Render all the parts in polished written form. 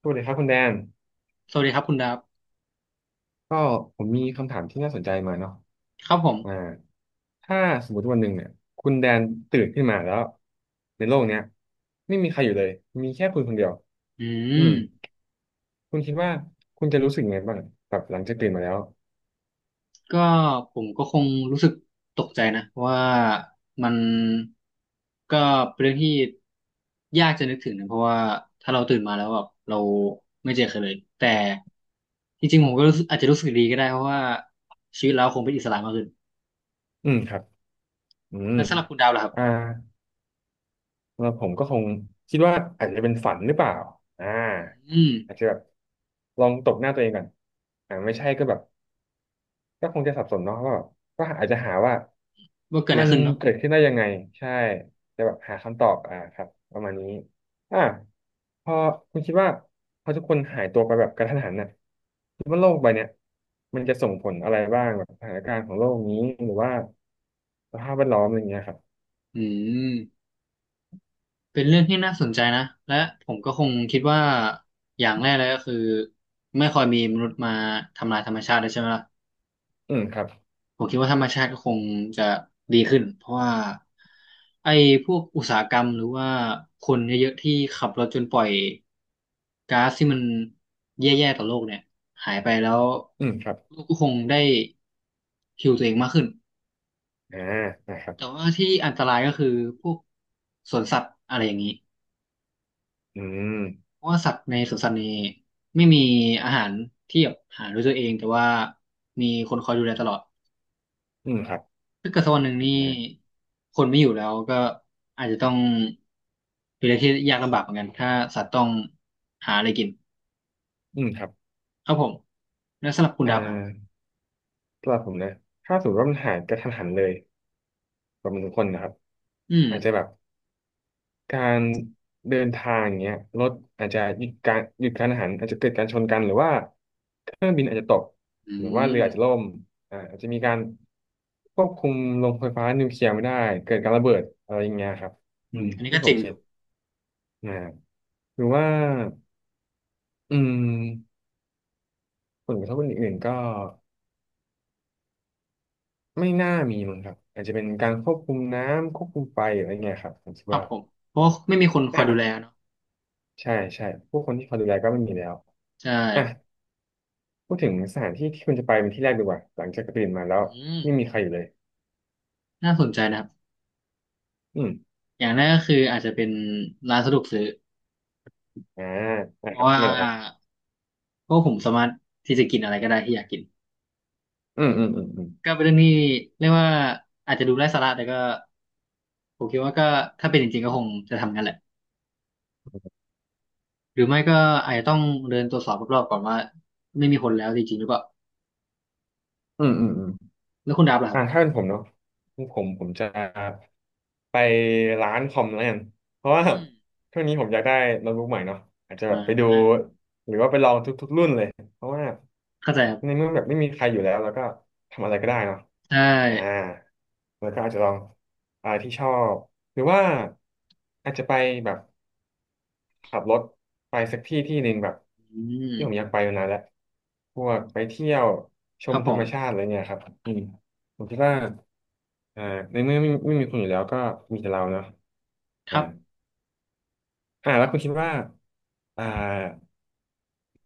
สวัสดีครับคุณแดนสวัสดีครับคุณดาบก็ผมมีคำถามที่น่าสนใจมาเนาะครับผมอ่าถ้าสมมติวันหนึ่งเนี่ยคุณแดนตื่นขึ้นมาแล้วในโลกเนี้ยไม่มีใครอยู่เลยมีแค่คุณคนเดียวอือืมมคุณคิดว่าคุณจะรู้สึกยังไงบ้างแบบหลังจากตื่นมาแล้วก็ผมก็คงรู้สึกตกใจนะว่ามันก็เป็นเรื่องที่ยากจะนึกถึงนะเพราะว่าถ้าเราตื่นมาแล้วแบบเราไม่เจอใครเลยแต่จริงๆผมก็รู้สึกอาจจะรู้สึกดีก็ได้เพราะว่าชีวิตเราคงเป็นอิสระมากขึ้นอืมครับอืมแล้วสำหรับคุณดาวล่ะครัอ่าบแล้วผมก็คงคิดว่าอาจจะเป็นฝันหรือเปล่าอ่าอืมอาจจะแบบลองตบหน้าตัวเองก่อนไม่ใช่ก็แบบ ก็คงจะสับสนเนาะว่าแบบก็อาจจะหาว่าว่าเกิดอะมัไรนขึ้นเนาะเกิดขึ้นได้ยังไงใช่จะแบบหาคำตอบอ่าครับประมาณนี้อ่าพอคุณคิดว่าพอทุกคนหายตัวไปแบบกระทันหันน่ะคิดว่าโลกใบเนี้ยมันจะส่งผลอะไรบ้างแบบสถานการณ์ของโลกนี้หรือว่าสภาพแวดล้อมอะไรเงี้ยครับอืม เป็นเรื่องที่น่าสนใจนะ และผมก็คงคิดว่าอย่างแรกเลยก็คือไม่ค่อยมีมนุษย์มาทำลายธรรมชาติเลยใช่ไหมล่ะอืมครับผมคิดว่าธรรมชาติก็คงจะดีขึ้นเพราะว่าไอ้พวกอุตสาหกรรมหรือว่าคนเยอะๆที่ขับรถจนปล่อยก๊าซที่มันแย่ๆต่อโลกเนี่ยหายไปแล้วอืมครับโลกก็คงได้ฮิวตัวเองมากขึ้น อ่านะครับแต่ว่าที่อันตรายก็คือพวกสวนสัตว์อะไรอย่างนี้ อืมเพราะว่าสัตว์ในสวนสัตว์นี้ไม่มีอาหารที่แบบหาด้วยตัวเองแต่ว่ามีคนคอยดูแลตลอดอืมครับถ้าเกิดสักวันหนึ่งนี่อ่าคนไม่อยู่แล้วก็อาจจะต้องเป็นอะไ่ที่ยากลำบากเหมือนกันถ้าสัตว์ต้องหาอะไรกินอืมครับครับผมแล้วสำหรับคุณอ่ดับครับาสำหรับผมนะถ้าสมมติว่ามันหายกระทันหันเลยแบบมันทุกคนนะครับอืมอาจจะแบบ การเดินทางอย่างเงี้ยรถอาจจะหยุดการหยุดกานอาหารอาจจะเกิดการชนกันหรือว่าเครื่องบินอาจจะตกอืหรือว่าเรืมออาจจะล่มอาจจะมีการควบคุมโรงไฟฟ้านิวเคลียร์ไม่ได้เกิดการระเบิดอะไรอย่างเงี้ยครับอือืมมอันนี้ที่ก็ผจริมงคคิรัดบนะหรือว่าอืมผลกระทบอื่นๆก็ไม่น่ามีมั้งครับอาจจะเป็นการควบคุมน้ำควบคุมไฟอะไรเงี้ยครับผมคิดครับว่าผมเพราะว่าไม่มีคนคอยดูแลอ่ะเนาะใช่ใช่ผู้คนที่เขาดูแลก็ไม่มีแล้วใช่อ่ะ พูดถึงสถานที่ที่คุณจะไปเป็นที่แรกดีกว่าหลังจากตื่นมาแล้วอืมไม่มีใครอยู่เลยน่าสนใจนะครับอืมอย่างแรกก็คืออาจจะเป็นร้านสะดวกซื้ออ่าเพนะคราะรับว่า ไม่หรอกครับเพราะผมสามารถที่จะกินอะไรก็ได้ที่อยากกินอืมอืมอืมอืมก็เป็นเรื่องที่เรียกว่าอาจจะดูไร้สาระแต่ก็ผมคิดว่าก็ถ้าเป็นจริงๆก็คงจะทำงั้นแหละหรือไม่ก็อาจจะต้องเดินตรวจสอบรอบๆก่อนว่าไม่มีคนแล้วจริงๆหรือเปล่าอืมอืมอืมแล้วคุณดับล่ะครับถ้าเป็นผมเนาะผผมจะไปร้านคอมแล้วกันเพราะว่าอืมช่วงนี้ผมอยากได้โน้ตบุ๊กใหม่เนาะอาจจะอ่แบบไปดูาหรือว่าไปลองทุกๆรุ่นเลยเพราะว่าเข้าใจครัในบเมื่อแบบไม่มีใครอยู่แล้วแล้วก็ทำอะไรก็ได้เนาะใช่อ่าแล้วก็อาจจะลองที่ชอบหรือว่าอาจจะไปแบบ ขับรถไปสักที่ที่หนึ่งแบบอืมที่ผมอยากไปมานานแล้วพวกไปเที่ยวชครัมบธผรรมมชาติอะไรเงี้ยครับอืมผมคิดว่าอ่าในเมื่อไม่มีคุณอยู่แล้วก็มีแต่เราเนาะคอ่ารับแล้วคุณคิดว่าอ่า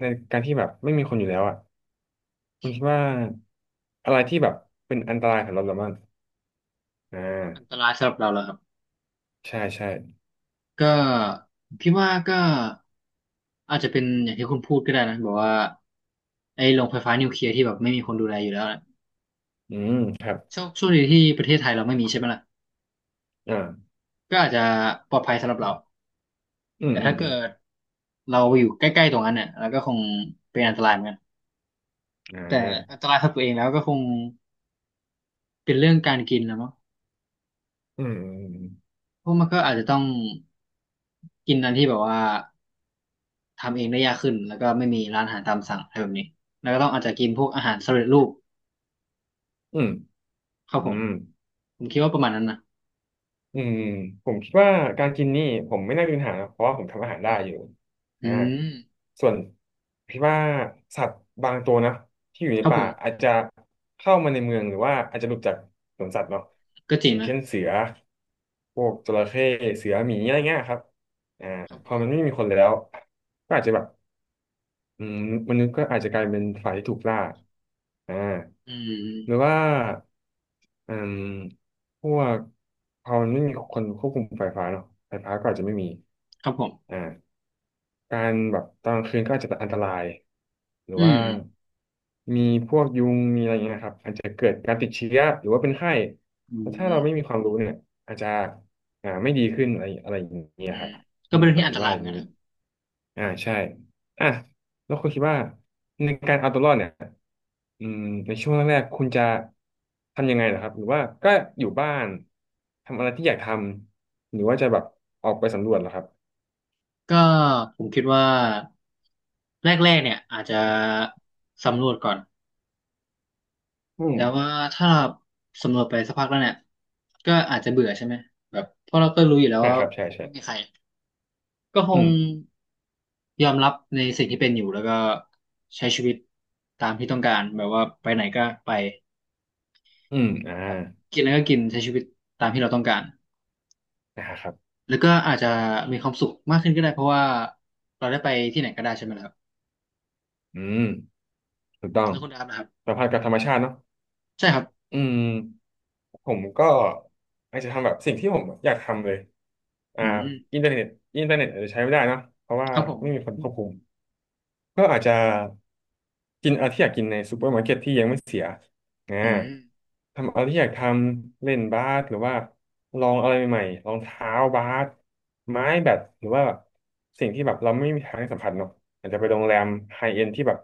ในการที่แบบไม่มีคนอยู่แล้วอ่ะคุณคิดว่าอะไรที่แบบเป็นอันตรายสำหรับเราบ้างอ่อันตารายสำหรับเราแล้วครับใช่ใช่ก็ผมคิดว่าก็อาจจะเป็นอย่างที่คุณพูดก็ได้นะแบบว่าไอ้โรงไฟฟ้านิวเคลียร์ที่แบบไม่มีคนดูแลอยู่แล้ว อืมครับโช่วงช่วนี้ที่ประเทศไทยเราไม่มีใช่ไหมล่ะอ่าก็อาจจะปลอดภัยสำหรับเราอืมแต่อืถ้ามเกิดเราอยู่ใกล้ๆตรงนั้นเนี่ยเราก็คงเป็นอันตรายเหมือนกันอืมแต่อันตรายสำหรับตัวเองแล้วก็คงเป็นเรื่องการกินนะมั้งอืมเพราะมันก็อาจจะต้องกินอันที่แบบว่าทำเองได้ยากขึ้นแล้วก็ไม่มีร้านอาหารตามสั่งอะไรแบบนี้แล้วก็ต้องอาจจะกินพวกอาหารสำเร็จรูปอืมครับอืมอืผมม ผมคิดว่าประมาณนั้นนะอืมผมคิดว่าการกินนี่ผมไม่น่ามีปัญหานะเพราะว่าผมทำอาหารได้อืมอยู่อือ่ามส่วนคิดว่าสัตว์บางตัวนะที่อยู่ในครับผป่ามอาจจะเข้ามาในเมืองหรือว่าอาจจะหลุดจากสวนสัตว์เนาะก็จริองย่างนะเช่นเสือพวกจระเข้เสือหมีอะไรเงี้ยครับครับพผอมมันไม่มีคนแล้วก็อาจจะแบบ อืมมนุษย์ก็อาจจะกลายเป็นฝ่ายที่ถูกล่าอ่าอืหรือมว่าอืมพวกพอมันไม่มีคนควบคุมไฟฟ้าเนาะไฟฟ้าก็อาจจะไม่มีครับผมอ่า การแบบตอนกลางคืนก็อาจจะอันตรายหรืออืว่ามมีพวกยุงมีอะไรอย่างเงี้ยนะครับอาจจะเกิดการติดเชื้อหรือว่าเป็นไข้อืแล้วถ้าเราไม่มีม ความรู้เนี่ยอาจจะไม่ดีขึ้นอะไรอะไรอย่างเงี้ยอืคมรับอืก็มเป็นเรื่องผที่มอันคิตดราว่ายอเหมือย่านงกันนี้นะครับอ่าใช่อ่ะแล้วคุณคิดว่าในการเอาตัวรอดเนี่ยอืมในช่วงแรกๆคุณจะทำยังไงเหรอครับหรือว่าก็อยู่บ้านทำอะไรที่อยากทำหรือว่าจะแบบออกไปสำรวจเหรอครับก็ผมคิดว่าแรกๆเนี่ยอาจจะสำรวจก่อนอืมแต่ว่าถ้าเราสำรวจไปสักพักแล้วเนี่ยก็อาจจะเบื่อใช่ไหมแบบเพราะเราก็รู้อยู่แล้วว่าครับใช่คงใช่ ไม่มีใครก็คอืงม ยอมรับในสิ่งที่เป็นอยู่แล้วก็ใช้ชีวิตตามที่ต้องการแบบว่าไปไหนก็ไปอืมแบบกินแล้วก็กินใช้ชีวิตตามที่เราต้องการนะครับแล้วก็อาจจะมีความสุขมากขึ้นก็ได้เพราะว่าเราได้ไปที่ไหนก็ได้ใช่ไหมล่ะครับอืมถูกต้องแล้วคุณดาบนะครับ สัมพันธ์กับธรรมชาติเนาะใช่ครับอืม ผมก็อาจจะทำแบบสิ่งที่ผมอยากทำเลย อ่า อืมอินเทอร์เน็ตอินเทอร์เน็ตอาจจะใช้ไม่ได้เนอะเพราะว่าครับผมไม่มีคนควบคุม ก็อาจจะกินอะไรที่อยากกินในซูเปอร์มาร์เก็ตที่ยังไม่เสียอืมอ่าทำอะไรที่อยากทำเล่นบาสหรือว่าลองอะไรใหม่ๆรองเท้าบาสไม้แบดหรือว่าแบบสิ่งที่แบบเราไม่มีทางสัมผัสเนาะอาจจะไปโรงแรมไฮเอ็นที่แบบ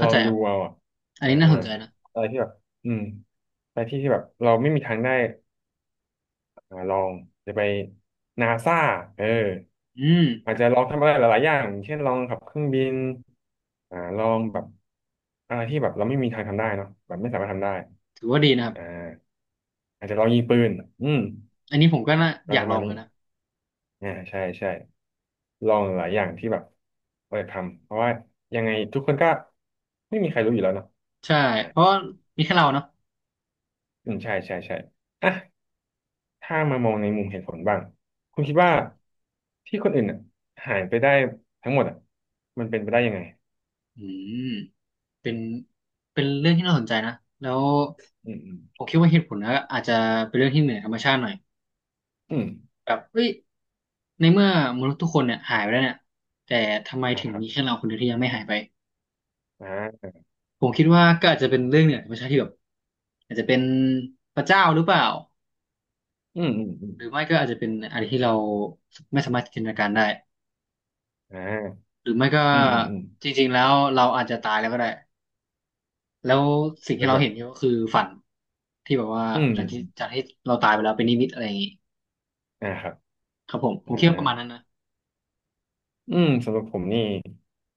ล้าอใจงคดูรับเอาอะอันอ่านี้น่าสนใจนะอะไรที่แบบอืมไปที่ที่แบบเราไม่มีทางได้ลองจะไปนาซาเออ อืมอาจจะลองทำอะไรหลายๆอย่างเช่นลองขับเครื่องบินลองแบบอะไรที่แบบเราไม่มีทางทำได้เนาะแบบไม่สามารถทำได้ถือว่าดีนะครับอ่าอาจจะลองยิงปืนอืมอันนี้ผมก็น่าอะไรอยาปกระลมาอณงนี้กันนะใช่ใช่ลองหลายอย่างที่แบบเรายทำเพราะว่ายังไงทุกคนก็ไม่มีใครรู้อยู่แล้วเนาะใช่อ่าเพราะว่ามีแค่เราเนาะอืมใช่ใช่ใช่อ่ะถ้ามามองในมุมเหตุผลบ้าง คุณคิดคว่ารับผมที่คนอื่นหายไปได้ทั้งหมดมันเป็นไปได้ยังไงอืมเป็นเป็นเรื่องที่น่าสนใจนะแล้วอืมอืมผมคิดว่าเหตุผลนะอาจจะเป็นเรื่องที่เหนือธรรมชาติหน่อยอืมแบบเฮ้ยในเมื่อมนุษย์ทุกคนเนี่ยหายไปแล้วเนี่ยแต่ทำไมอ่าถึงครับ มีแค่เราคนเดียวที่ยังไม่หายไปอ่าผมคิดว่าก็อาจจะเป็นเรื่องเหนือธรรมชาติที่แบบอาจจะเป็นพระเจ้าหรือเปล่า อืมอืมอืมหรือไม่ก็อาจจะเป็นอะไรที่เราไม่สามารถจินตนาการได้อ่าหรือไม่ก็อืมอืมอืมจริงๆแล้วเราอาจจะตายแล้วก็ได้แล้วสิ่งเป็ที่นเราแบบเห็นก็คือฝันที่แบบว่าอืมหลังที่จากที่เราตายไปแล้วเป็นนิมิตอะไรอย่างงี้อ่าครับครับผมผอ่ามคิดว่าประมาณนั้นนะสำหรับผมนี่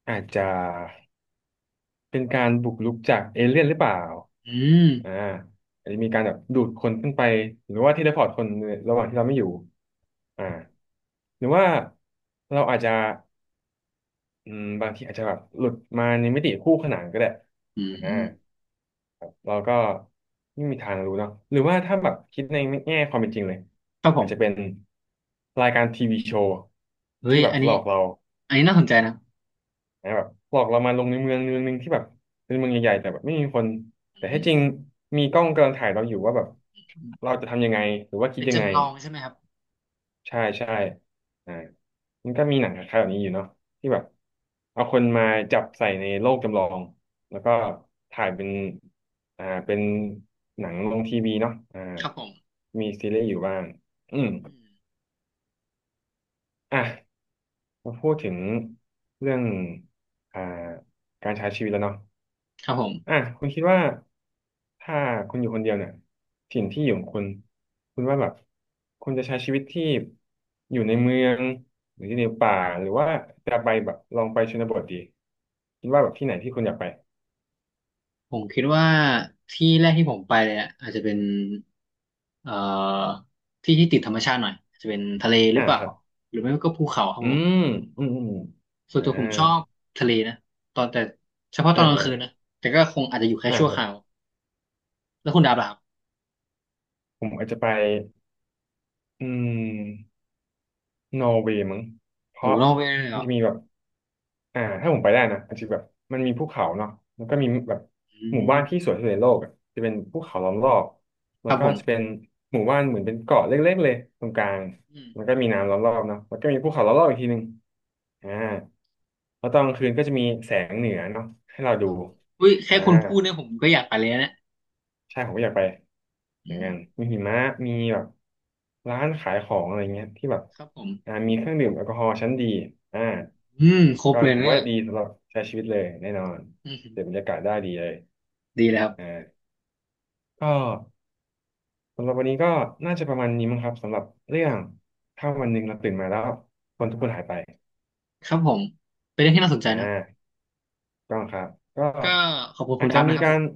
อาจจะเป็นการบุกรุกจากเอเลี่ยนหรือเปล่าอืมอ่าอาจจะมีการแบบดูดคนขึ้นไปหรือว่าเทเลพอร์ตคนระหว่างที่เราไม่อยู่อ่าหรือว่าเราอาจจะบางทีอาจจะแบบหลุดมาในมิติคู่ขนานก็ได้อืมอ่า อืมเราก็ไม่มีทางรู้เนาะหรือว่าถ้าแบบคิดในแง่ความเป็นจริงเลยครับผอาจมจะเป็นรายการทีวีโชว์เฮ้ที่ยแบบอันหลนี้อกเราน่าสนใจนะนะแบบหลอกเรามาลงในเมืองเมืองหนึงที่แบบเป็นเมืองใหญ่ๆแต่แบบไม่มีคนอืแต่ให้มจริงมีกล้องกำลังถ่ายเราอยู่ว่าแบบอืมเราจะทำยังไงหรือว่าคิดเป็นยังไง จำลองใช่ไหมครับใช่ใช่อ่ามันก็มีหนังคล้ายๆแบบนี้อยู่เนาะที่แบบเอาคนมาจับใส่ในโลกจำลองแล้วก็ถ่ายเป็นเป็นหนังลงทีวีเนาะครับผมมีซีรีส์อยู่บ้างอืมอืมอ่ะมาพูดถึงเรื่องอ่าการใช้ชีวิตแล้วเนาะ ครับผม คุณคิดว่าถ้าคุณอยู่คนเดียวเนี่ยถิ่นที่อยู่ของคุณคุณว่าแบบคุณจะใช้ชีวิตที่อยู่ในเมืองหรืออยู่ในป่าหรือว่าจะไปแบบลองไปชนบทดีคิดว่าแบบที่ไหนที่คุณอยากไปผมคิดว่าที่แรกที่ผมไปเลยอะอาจจะเป็นเอ่อที่ที่ติดธรรมชาติหน่อยอาจจะเป็นทะเลหรือ่าอเปล่าครับหรือไม่ก็ภูเขาครับอืผมมอืมอืมส่วนอ่ตัวผมชอบาทะเลนะตอนแต่เฉพาะตออ่านกลางอ่าคืนนะแต่ก็คงอาจจะอยู่แค่อ่าชั่วคครับราวแล้วคุณดาบล่ะครับผมอาจจะไปอืมนอร์เวย์มั้งเพโหราะนอกเวย์เลยเหมัรนอจะมีแบบ ถ้าผมไปได้นะอาจจะแบบมันมีภูเขาเนาะแล้วก็มีแบบอืหมู่มบ้านที่สวยที่สุดในโลกอะจะเป็นภูเขาล้อมรอบคแล้วรับก็ผมจะเป็นหมู่บ้านเหมือนเป็นเกาะเล็กๆเลยตรงกลางอืมแล้วก็มีน้ำล้อมรอบเนาะแล้วก็มีภูเขาล้อมรอบอีกทีหนึ่งอ่าแล้วตอนกลางคืนก็จะมีแสงเหนือเนาะให้เราคดูรับผมอุ้ยแค่อ่า คุณพูดเนี่ยผมก็อยากไปเลยนะเนี่ยใช่ผมก็อยากไปอือย่างนั้มนมีหิมะมีแบบร้านขายของอะไรเงี้ยที่แบบครับผมมีเครื่องดื่มแอลกอฮอล์ชั้นดีอ่าอืมครบก็เลยถืนะอเนี่ยว่าดีสำหรับใช้ชีวิตเลยแน่นอนอืเสพบรมรยากาศได้ดีเลยดีเลยครับอ่าก็สำหรับวันนี้ก็น่าจะประมาณนี้มั้งครับสำหรับเรื่องถ้าวันหนึ่งเราตื่นมาแล้วคนทุกคนหายไปครับผมเป็นเรื่องที่น่าสนใจอ่นะครับาก็ครับก็ก็ขอบคุณคุอาณจดาจะบมีนะครับกาผรม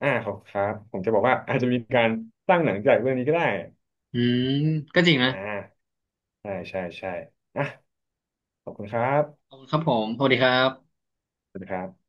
ขอบคุณครับผมจะบอกว่าอาจจะมีการสร้างหนังจากเรื่องนี้ก็ได้อืมก็จริงนะอ่า ใช่ใช่ใช่อ่ะขอบคุณครับขอบคุณครับผมสวัสดีครับสวัสดีครับ